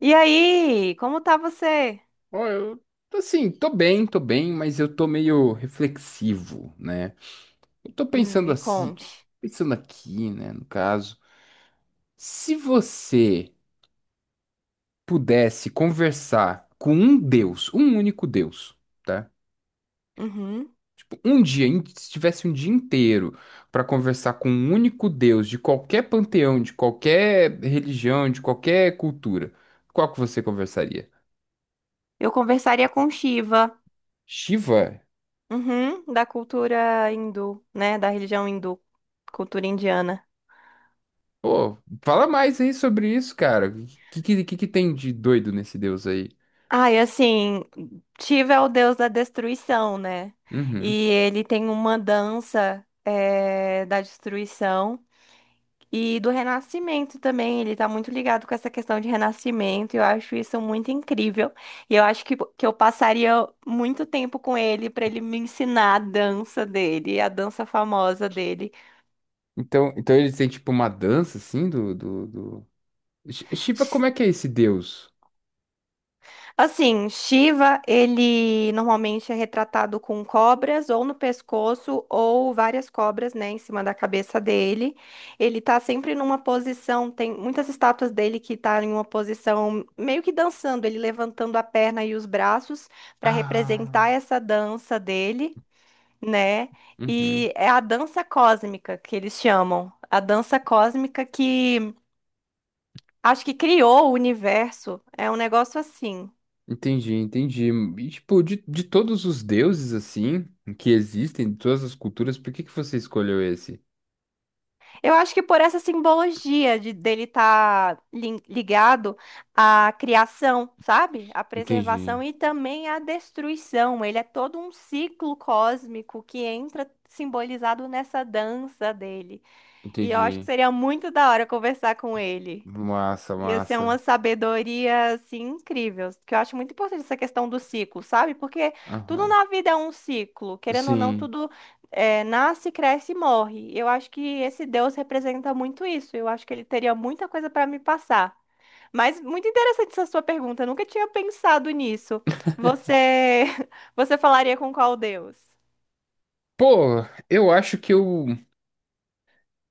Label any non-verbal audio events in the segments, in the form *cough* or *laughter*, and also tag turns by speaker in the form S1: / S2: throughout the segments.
S1: E aí, como tá você?
S2: Ó, eu, assim, tô bem, mas eu tô meio reflexivo, né? Eu tô pensando
S1: Me
S2: assim,
S1: conte.
S2: pensando aqui, né, no caso, se você pudesse conversar com um Deus, um único Deus, tá?
S1: Uhum.
S2: Tipo, um dia, se tivesse um dia inteiro pra conversar com um único Deus de qualquer panteão, de qualquer religião, de qualquer cultura, qual que você conversaria?
S1: Eu conversaria com Shiva,
S2: Shiva?
S1: uhum, da cultura hindu, né? Da religião hindu, cultura indiana.
S2: Pô, fala mais aí sobre isso, cara. O que que tem de doido nesse deus aí?
S1: Ah, e assim, Shiva é o deus da destruição, né?
S2: Uhum.
S1: E ele tem uma dança, da destruição. E do renascimento também, ele tá muito ligado com essa questão de renascimento, e eu acho isso muito incrível. E eu acho que eu passaria muito tempo com ele para ele me ensinar a dança dele, a dança famosa dele.
S2: Então, então ele tem tipo uma dança assim do... Shiva, como é que é esse deus?
S1: Assim, Shiva, ele normalmente é retratado com cobras ou no pescoço ou várias cobras, né, em cima da cabeça dele. Ele tá sempre numa posição, tem muitas estátuas dele que tá em uma posição meio que dançando, ele levantando a perna e os braços para
S2: Ah,
S1: representar essa dança dele, né?
S2: uhum.
S1: E é a dança cósmica que eles chamam. A dança cósmica que acho que criou o universo. É um negócio assim.
S2: Entendi, entendi. E, tipo, de todos os deuses assim que existem, de todas as culturas, por que que você escolheu esse?
S1: Eu acho que por essa simbologia de dele estar ligado à criação, sabe? À
S2: Entendi,
S1: preservação e também à destruição. Ele é todo um ciclo cósmico que entra simbolizado nessa dança dele. E eu acho que
S2: entendi.
S1: seria muito da hora conversar com ele.
S2: Massa,
S1: Ia ser uma
S2: massa.
S1: sabedoria, assim, incrível. Que eu acho muito importante essa questão do ciclo, sabe? Porque tudo
S2: Aham.
S1: na vida é um ciclo. Querendo ou não,
S2: Sim.
S1: tudo nasce, cresce e morre. Eu acho que esse Deus representa muito isso. Eu acho que ele teria muita coisa para me passar. Mas muito interessante essa sua pergunta. Eu nunca tinha pensado nisso. Você, *laughs* você falaria com qual Deus?
S2: Pô, eu acho que eu.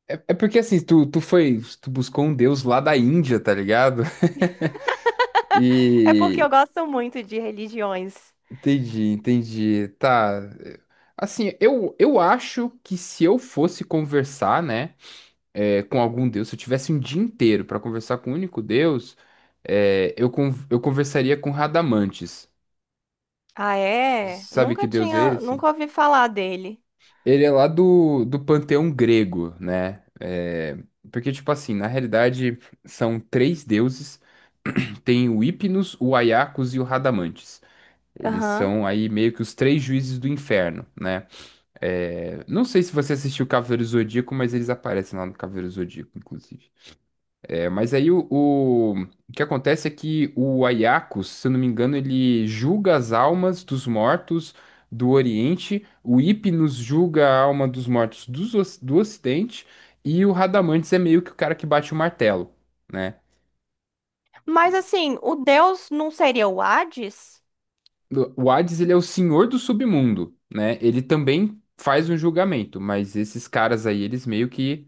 S2: É, é porque assim, tu, tu foi, tu buscou um deus lá da Índia, tá ligado? *laughs*
S1: É porque eu
S2: E
S1: gosto muito de religiões.
S2: entendi, entendi. Tá. Assim, eu acho que se eu fosse conversar, né, com algum Deus, se eu tivesse um dia inteiro pra conversar com um único Deus, eu, eu conversaria com Radamantes.
S1: Ah, é?
S2: Sabe que
S1: Nunca
S2: Deus é
S1: tinha,
S2: esse?
S1: nunca ouvi falar dele.
S2: Ele é lá do panteão grego, né? É, porque, tipo assim, na realidade, são três deuses. Tem o Hypnos, o Aiacos e o Radamantes. Eles
S1: Aham.
S2: são aí meio que os três juízes do inferno, né? É, não sei se você assistiu Cavaleiro Zodíaco, mas eles aparecem lá no Cavaleiro Zodíaco, inclusive. É, mas aí o que acontece é que o Aiacos, se eu não me engano, ele julga as almas dos mortos do Oriente, o Hypnos julga a alma dos mortos dos do Ocidente, e o Radamantes é meio que o cara que bate o martelo, né?
S1: Mas assim, o deus não seria o Hades?
S2: O Hades, ele é o senhor do submundo, né? Ele também faz um julgamento, mas esses caras aí, eles meio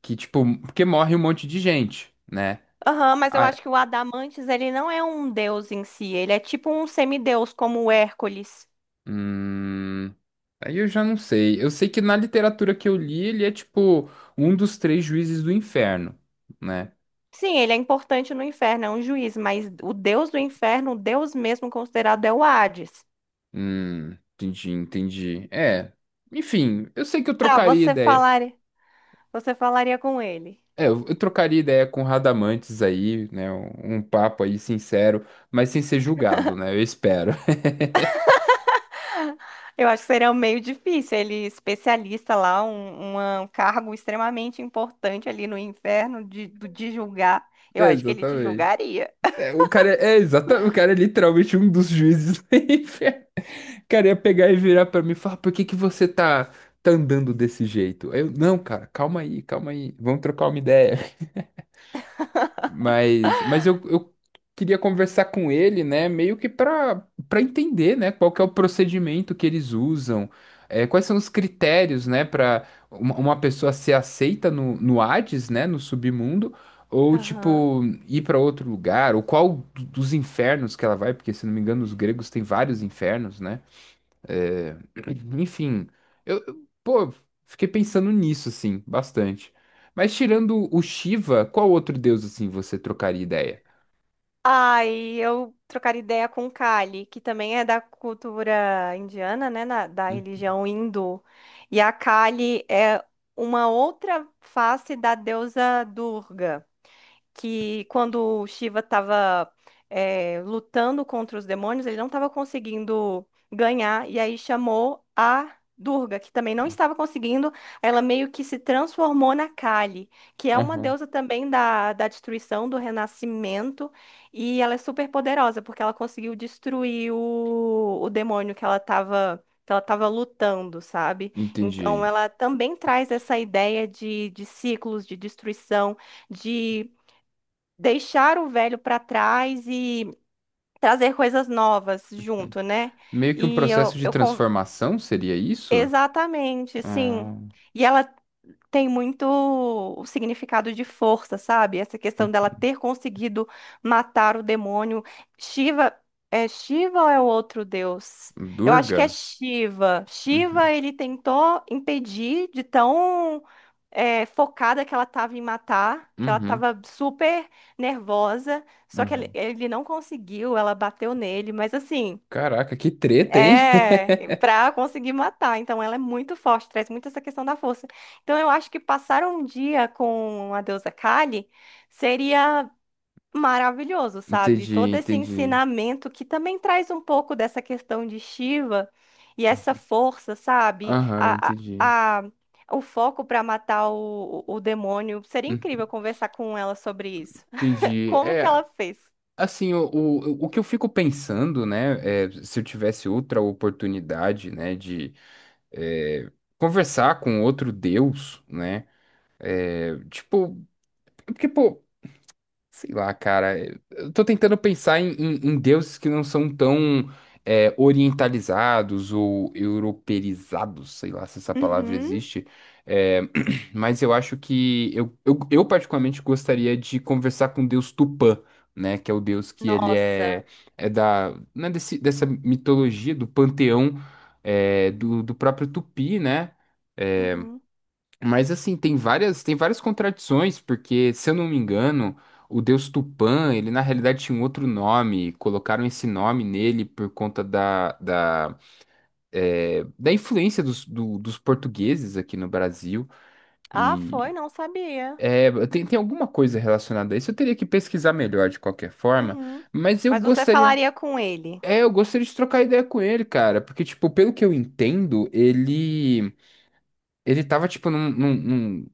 S2: que tipo, porque morre um monte de gente, né?
S1: Aham, mas eu
S2: Ah,
S1: acho que o Adamantes, ele não é um deus em si, ele é tipo um semideus, como o Hércules.
S2: hum, aí eu já não sei. Eu sei que na literatura que eu li, ele é tipo um dos três juízes do inferno, né?
S1: Sim, ele é importante no inferno, é um juiz, mas o deus do inferno, o deus mesmo considerado é o Hades.
S2: Entendi, entendi. É, enfim, eu sei que eu
S1: Tá,
S2: trocaria ideia.
S1: você falaria com ele.
S2: É, eu trocaria ideia com o Radamantes aí, né? Um papo aí sincero, mas sem ser julgado, né? Eu espero. *laughs*
S1: Eu acho que seria um meio difícil, ele especialista lá, um, uma- um cargo extremamente importante ali no inferno de, do- de julgar. Eu
S2: É,
S1: acho que ele te
S2: exatamente.
S1: julgaria.
S2: É, o cara é, exatamente, o cara é literalmente um dos juízes do *laughs* inferno. O cara ia pegar e virar pra mim e falar, por que que você tá, tá andando desse jeito? Aí eu, não, cara, calma aí, vamos trocar uma ideia. Mas eu queria conversar com ele, né? Meio que para entender, né? Qual que é o procedimento que eles usam, é, quais são os critérios, né? Para uma pessoa ser aceita no Hades, né? No submundo, ou
S1: Aham.
S2: tipo ir para outro lugar, ou qual dos infernos que ela vai, porque se não me engano os gregos têm vários infernos, né? É, *clears throat* enfim, pô, fiquei pensando nisso, assim, bastante. Mas tirando o Shiva, qual outro deus, assim, você trocaria ideia?
S1: Ai, eu trocar ideia com Kali, que também é da cultura indiana, né, na- da
S2: Hum,
S1: religião hindu. E a Kali é uma outra face da deusa Durga que quando o Shiva estava lutando contra os demônios, ele não estava conseguindo ganhar, e aí chamou a Durga, que também não estava conseguindo, ela meio que se transformou na Kali, que é uma
S2: Aham.
S1: deusa também da destruição, do renascimento, e ela é super poderosa, porque ela conseguiu destruir o demônio que ela estava. Que ela estava lutando, sabe? Então,
S2: Entendi.
S1: ela também traz essa ideia de ciclos, de destruição, de deixar o velho para trás e trazer coisas novas
S2: Hum.
S1: junto, né?
S2: Meio que um
S1: E eu,
S2: processo de
S1: eu con-
S2: transformação, seria isso?
S1: Exatamente, sim.
S2: Ah,
S1: E ela tem muito o significado de força, sabe? Essa questão
S2: hum,
S1: dela ter conseguido matar o demônio. Shiva, é Shiva ou é o outro deus? Eu acho que é
S2: Durga?
S1: Shiva. Shiva,
S2: Uhum,
S1: ele tentou impedir de tão focada que ela estava em matar, que ela
S2: uhum,
S1: estava super nervosa, só que ele,
S2: uhum.
S1: ele não conseguiu, ela bateu nele, mas assim,
S2: Caraca, que treta, hein? *laughs*
S1: é pra conseguir matar, então ela é muito forte, traz muito essa questão da força. Então eu acho que passar um dia com a deusa Kali seria maravilhoso, sabe?
S2: Entendi,
S1: Todo esse
S2: entendi.
S1: ensinamento que também traz um pouco dessa questão de Shiva e essa força, sabe?
S2: Aham,
S1: A,
S2: entendi.
S1: a- o foco para matar o, o demônio. Seria
S2: Hum,
S1: incrível conversar com ela sobre isso. *laughs*
S2: Entendi.
S1: Como que
S2: É,
S1: ela fez?
S2: assim, o que eu fico pensando, né, é, se eu tivesse outra oportunidade, né, de é, conversar com outro Deus, né, é, tipo, porque, pô, sei lá, cara. Eu tô tentando pensar em, em deuses que não são tão é, orientalizados ou europeizados, sei lá se essa palavra
S1: Uhum.
S2: existe. É, *clears throat* mas eu acho que eu particularmente gostaria de conversar com o deus Tupã, né? Que é o deus que ele é,
S1: Nossa.
S2: é da, né, desse, dessa mitologia, do panteão é, do próprio Tupi, né?
S1: Uhum.
S2: Mas assim, tem várias contradições, porque, se eu não me engano, o deus Tupã, ele na realidade tinha um outro nome, colocaram esse nome nele por conta é, da influência dos, dos portugueses aqui no Brasil,
S1: Ah, foi?
S2: e
S1: Não sabia.
S2: é, tem, tem alguma coisa relacionada a isso, eu teria que pesquisar melhor de qualquer forma,
S1: Uhum.
S2: mas eu
S1: Mas você
S2: gostaria,
S1: falaria com ele.
S2: é, eu gostaria de trocar ideia com ele, cara, porque, tipo, pelo que eu entendo, ele... Ele tava, tipo,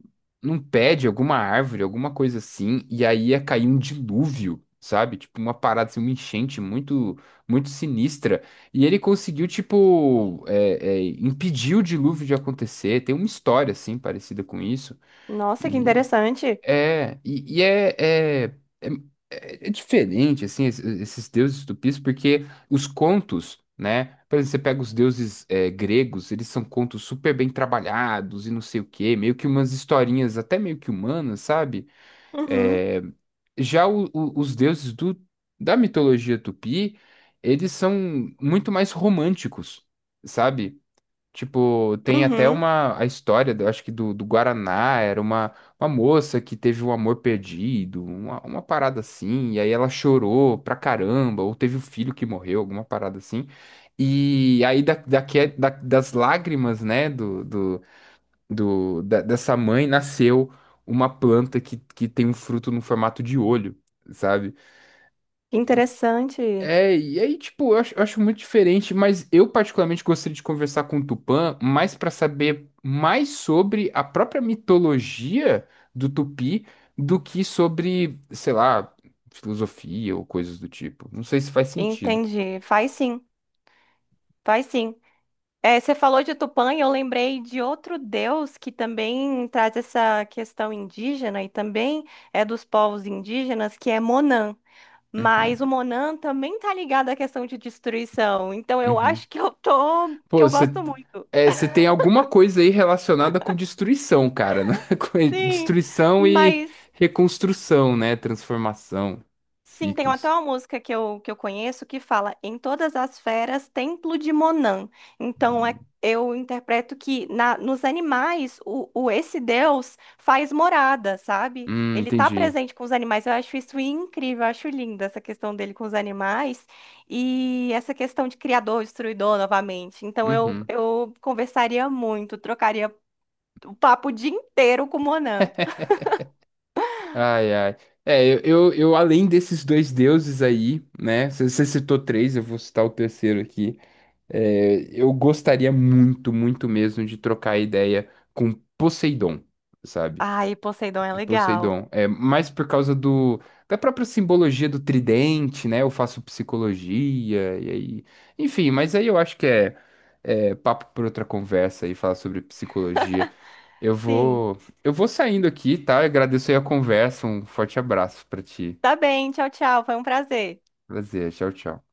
S2: num pé de alguma árvore, alguma coisa assim, e aí ia cair um dilúvio, sabe? Tipo, uma parada, assim, uma enchente muito, muito sinistra. E ele conseguiu, tipo, impedir o dilúvio de acontecer. Tem uma história, assim, parecida com isso.
S1: Nossa, que interessante.
S2: É, e, é, é- é diferente, assim, esses deuses tupis, porque os contos, né? Por exemplo, você pega os deuses é, gregos, eles são contos super bem trabalhados e não sei o quê, meio que umas historinhas até meio que humanas, sabe?
S1: Uhum.
S2: É, já os deuses do, da mitologia tupi, eles são muito mais românticos, sabe? Tipo, tem até
S1: Uhum,
S2: uma a história, eu acho que do, do Guaraná, era uma moça que teve um amor perdido, uma parada assim, e aí ela chorou pra caramba, ou teve um filho que morreu, alguma parada assim. E aí das lágrimas, né, dessa mãe nasceu uma planta que tem um fruto no formato de olho, sabe?
S1: que interessante.
S2: É, e aí, tipo, eu acho muito diferente, mas eu particularmente gostaria de conversar com o Tupã mais para saber mais sobre a própria mitologia do Tupi do que sobre, sei lá, filosofia ou coisas do tipo. Não sei se faz sentido.
S1: Entendi. Faz sim, faz sim. É, você falou de Tupã e eu lembrei de outro deus que também traz essa questão indígena e também é dos povos indígenas, que é Monan. Mas
S2: Uhum,
S1: o Monan também tá ligado à questão de destruição. Então eu
S2: uhum.
S1: acho que eu tô,
S2: Pô,
S1: que eu
S2: você
S1: gosto muito.
S2: é, você tem alguma coisa aí relacionada com destruição, cara, né? *laughs* Com
S1: Sim,
S2: destruição e
S1: mas
S2: reconstrução, né? Transformação,
S1: sim, tem até
S2: ciclos.
S1: uma música que eu conheço que fala em todas as feras, templo de Monan. Então, é, eu interpreto que na, nos animais, o esse Deus faz morada, sabe? Ele tá
S2: Entendi.
S1: presente com os animais. Eu acho isso incrível, eu acho linda essa questão dele com os animais e essa questão de criador, destruidor novamente. Então,
S2: Uhum.
S1: eu conversaria muito, trocaria o papo o dia inteiro com Monan.
S2: Ai, ai. É, eu, além desses dois deuses aí, né? Você citou três, eu vou citar o terceiro aqui. É, eu gostaria muito, muito mesmo de trocar ideia com Poseidon, sabe?
S1: Ai, Poseidon é legal.
S2: Poseidon. É, mais por causa do, da própria simbologia do tridente, né? Eu faço psicologia, e aí. Enfim, mas aí eu acho que é, é papo por outra conversa e falar sobre psicologia. Eu
S1: Sim.
S2: vou, eu vou saindo aqui, tá? Eu agradeço aí a conversa. Um forte abraço pra ti.
S1: Tá bem, tchau, tchau. Foi um prazer.
S2: Prazer. Tchau, tchau.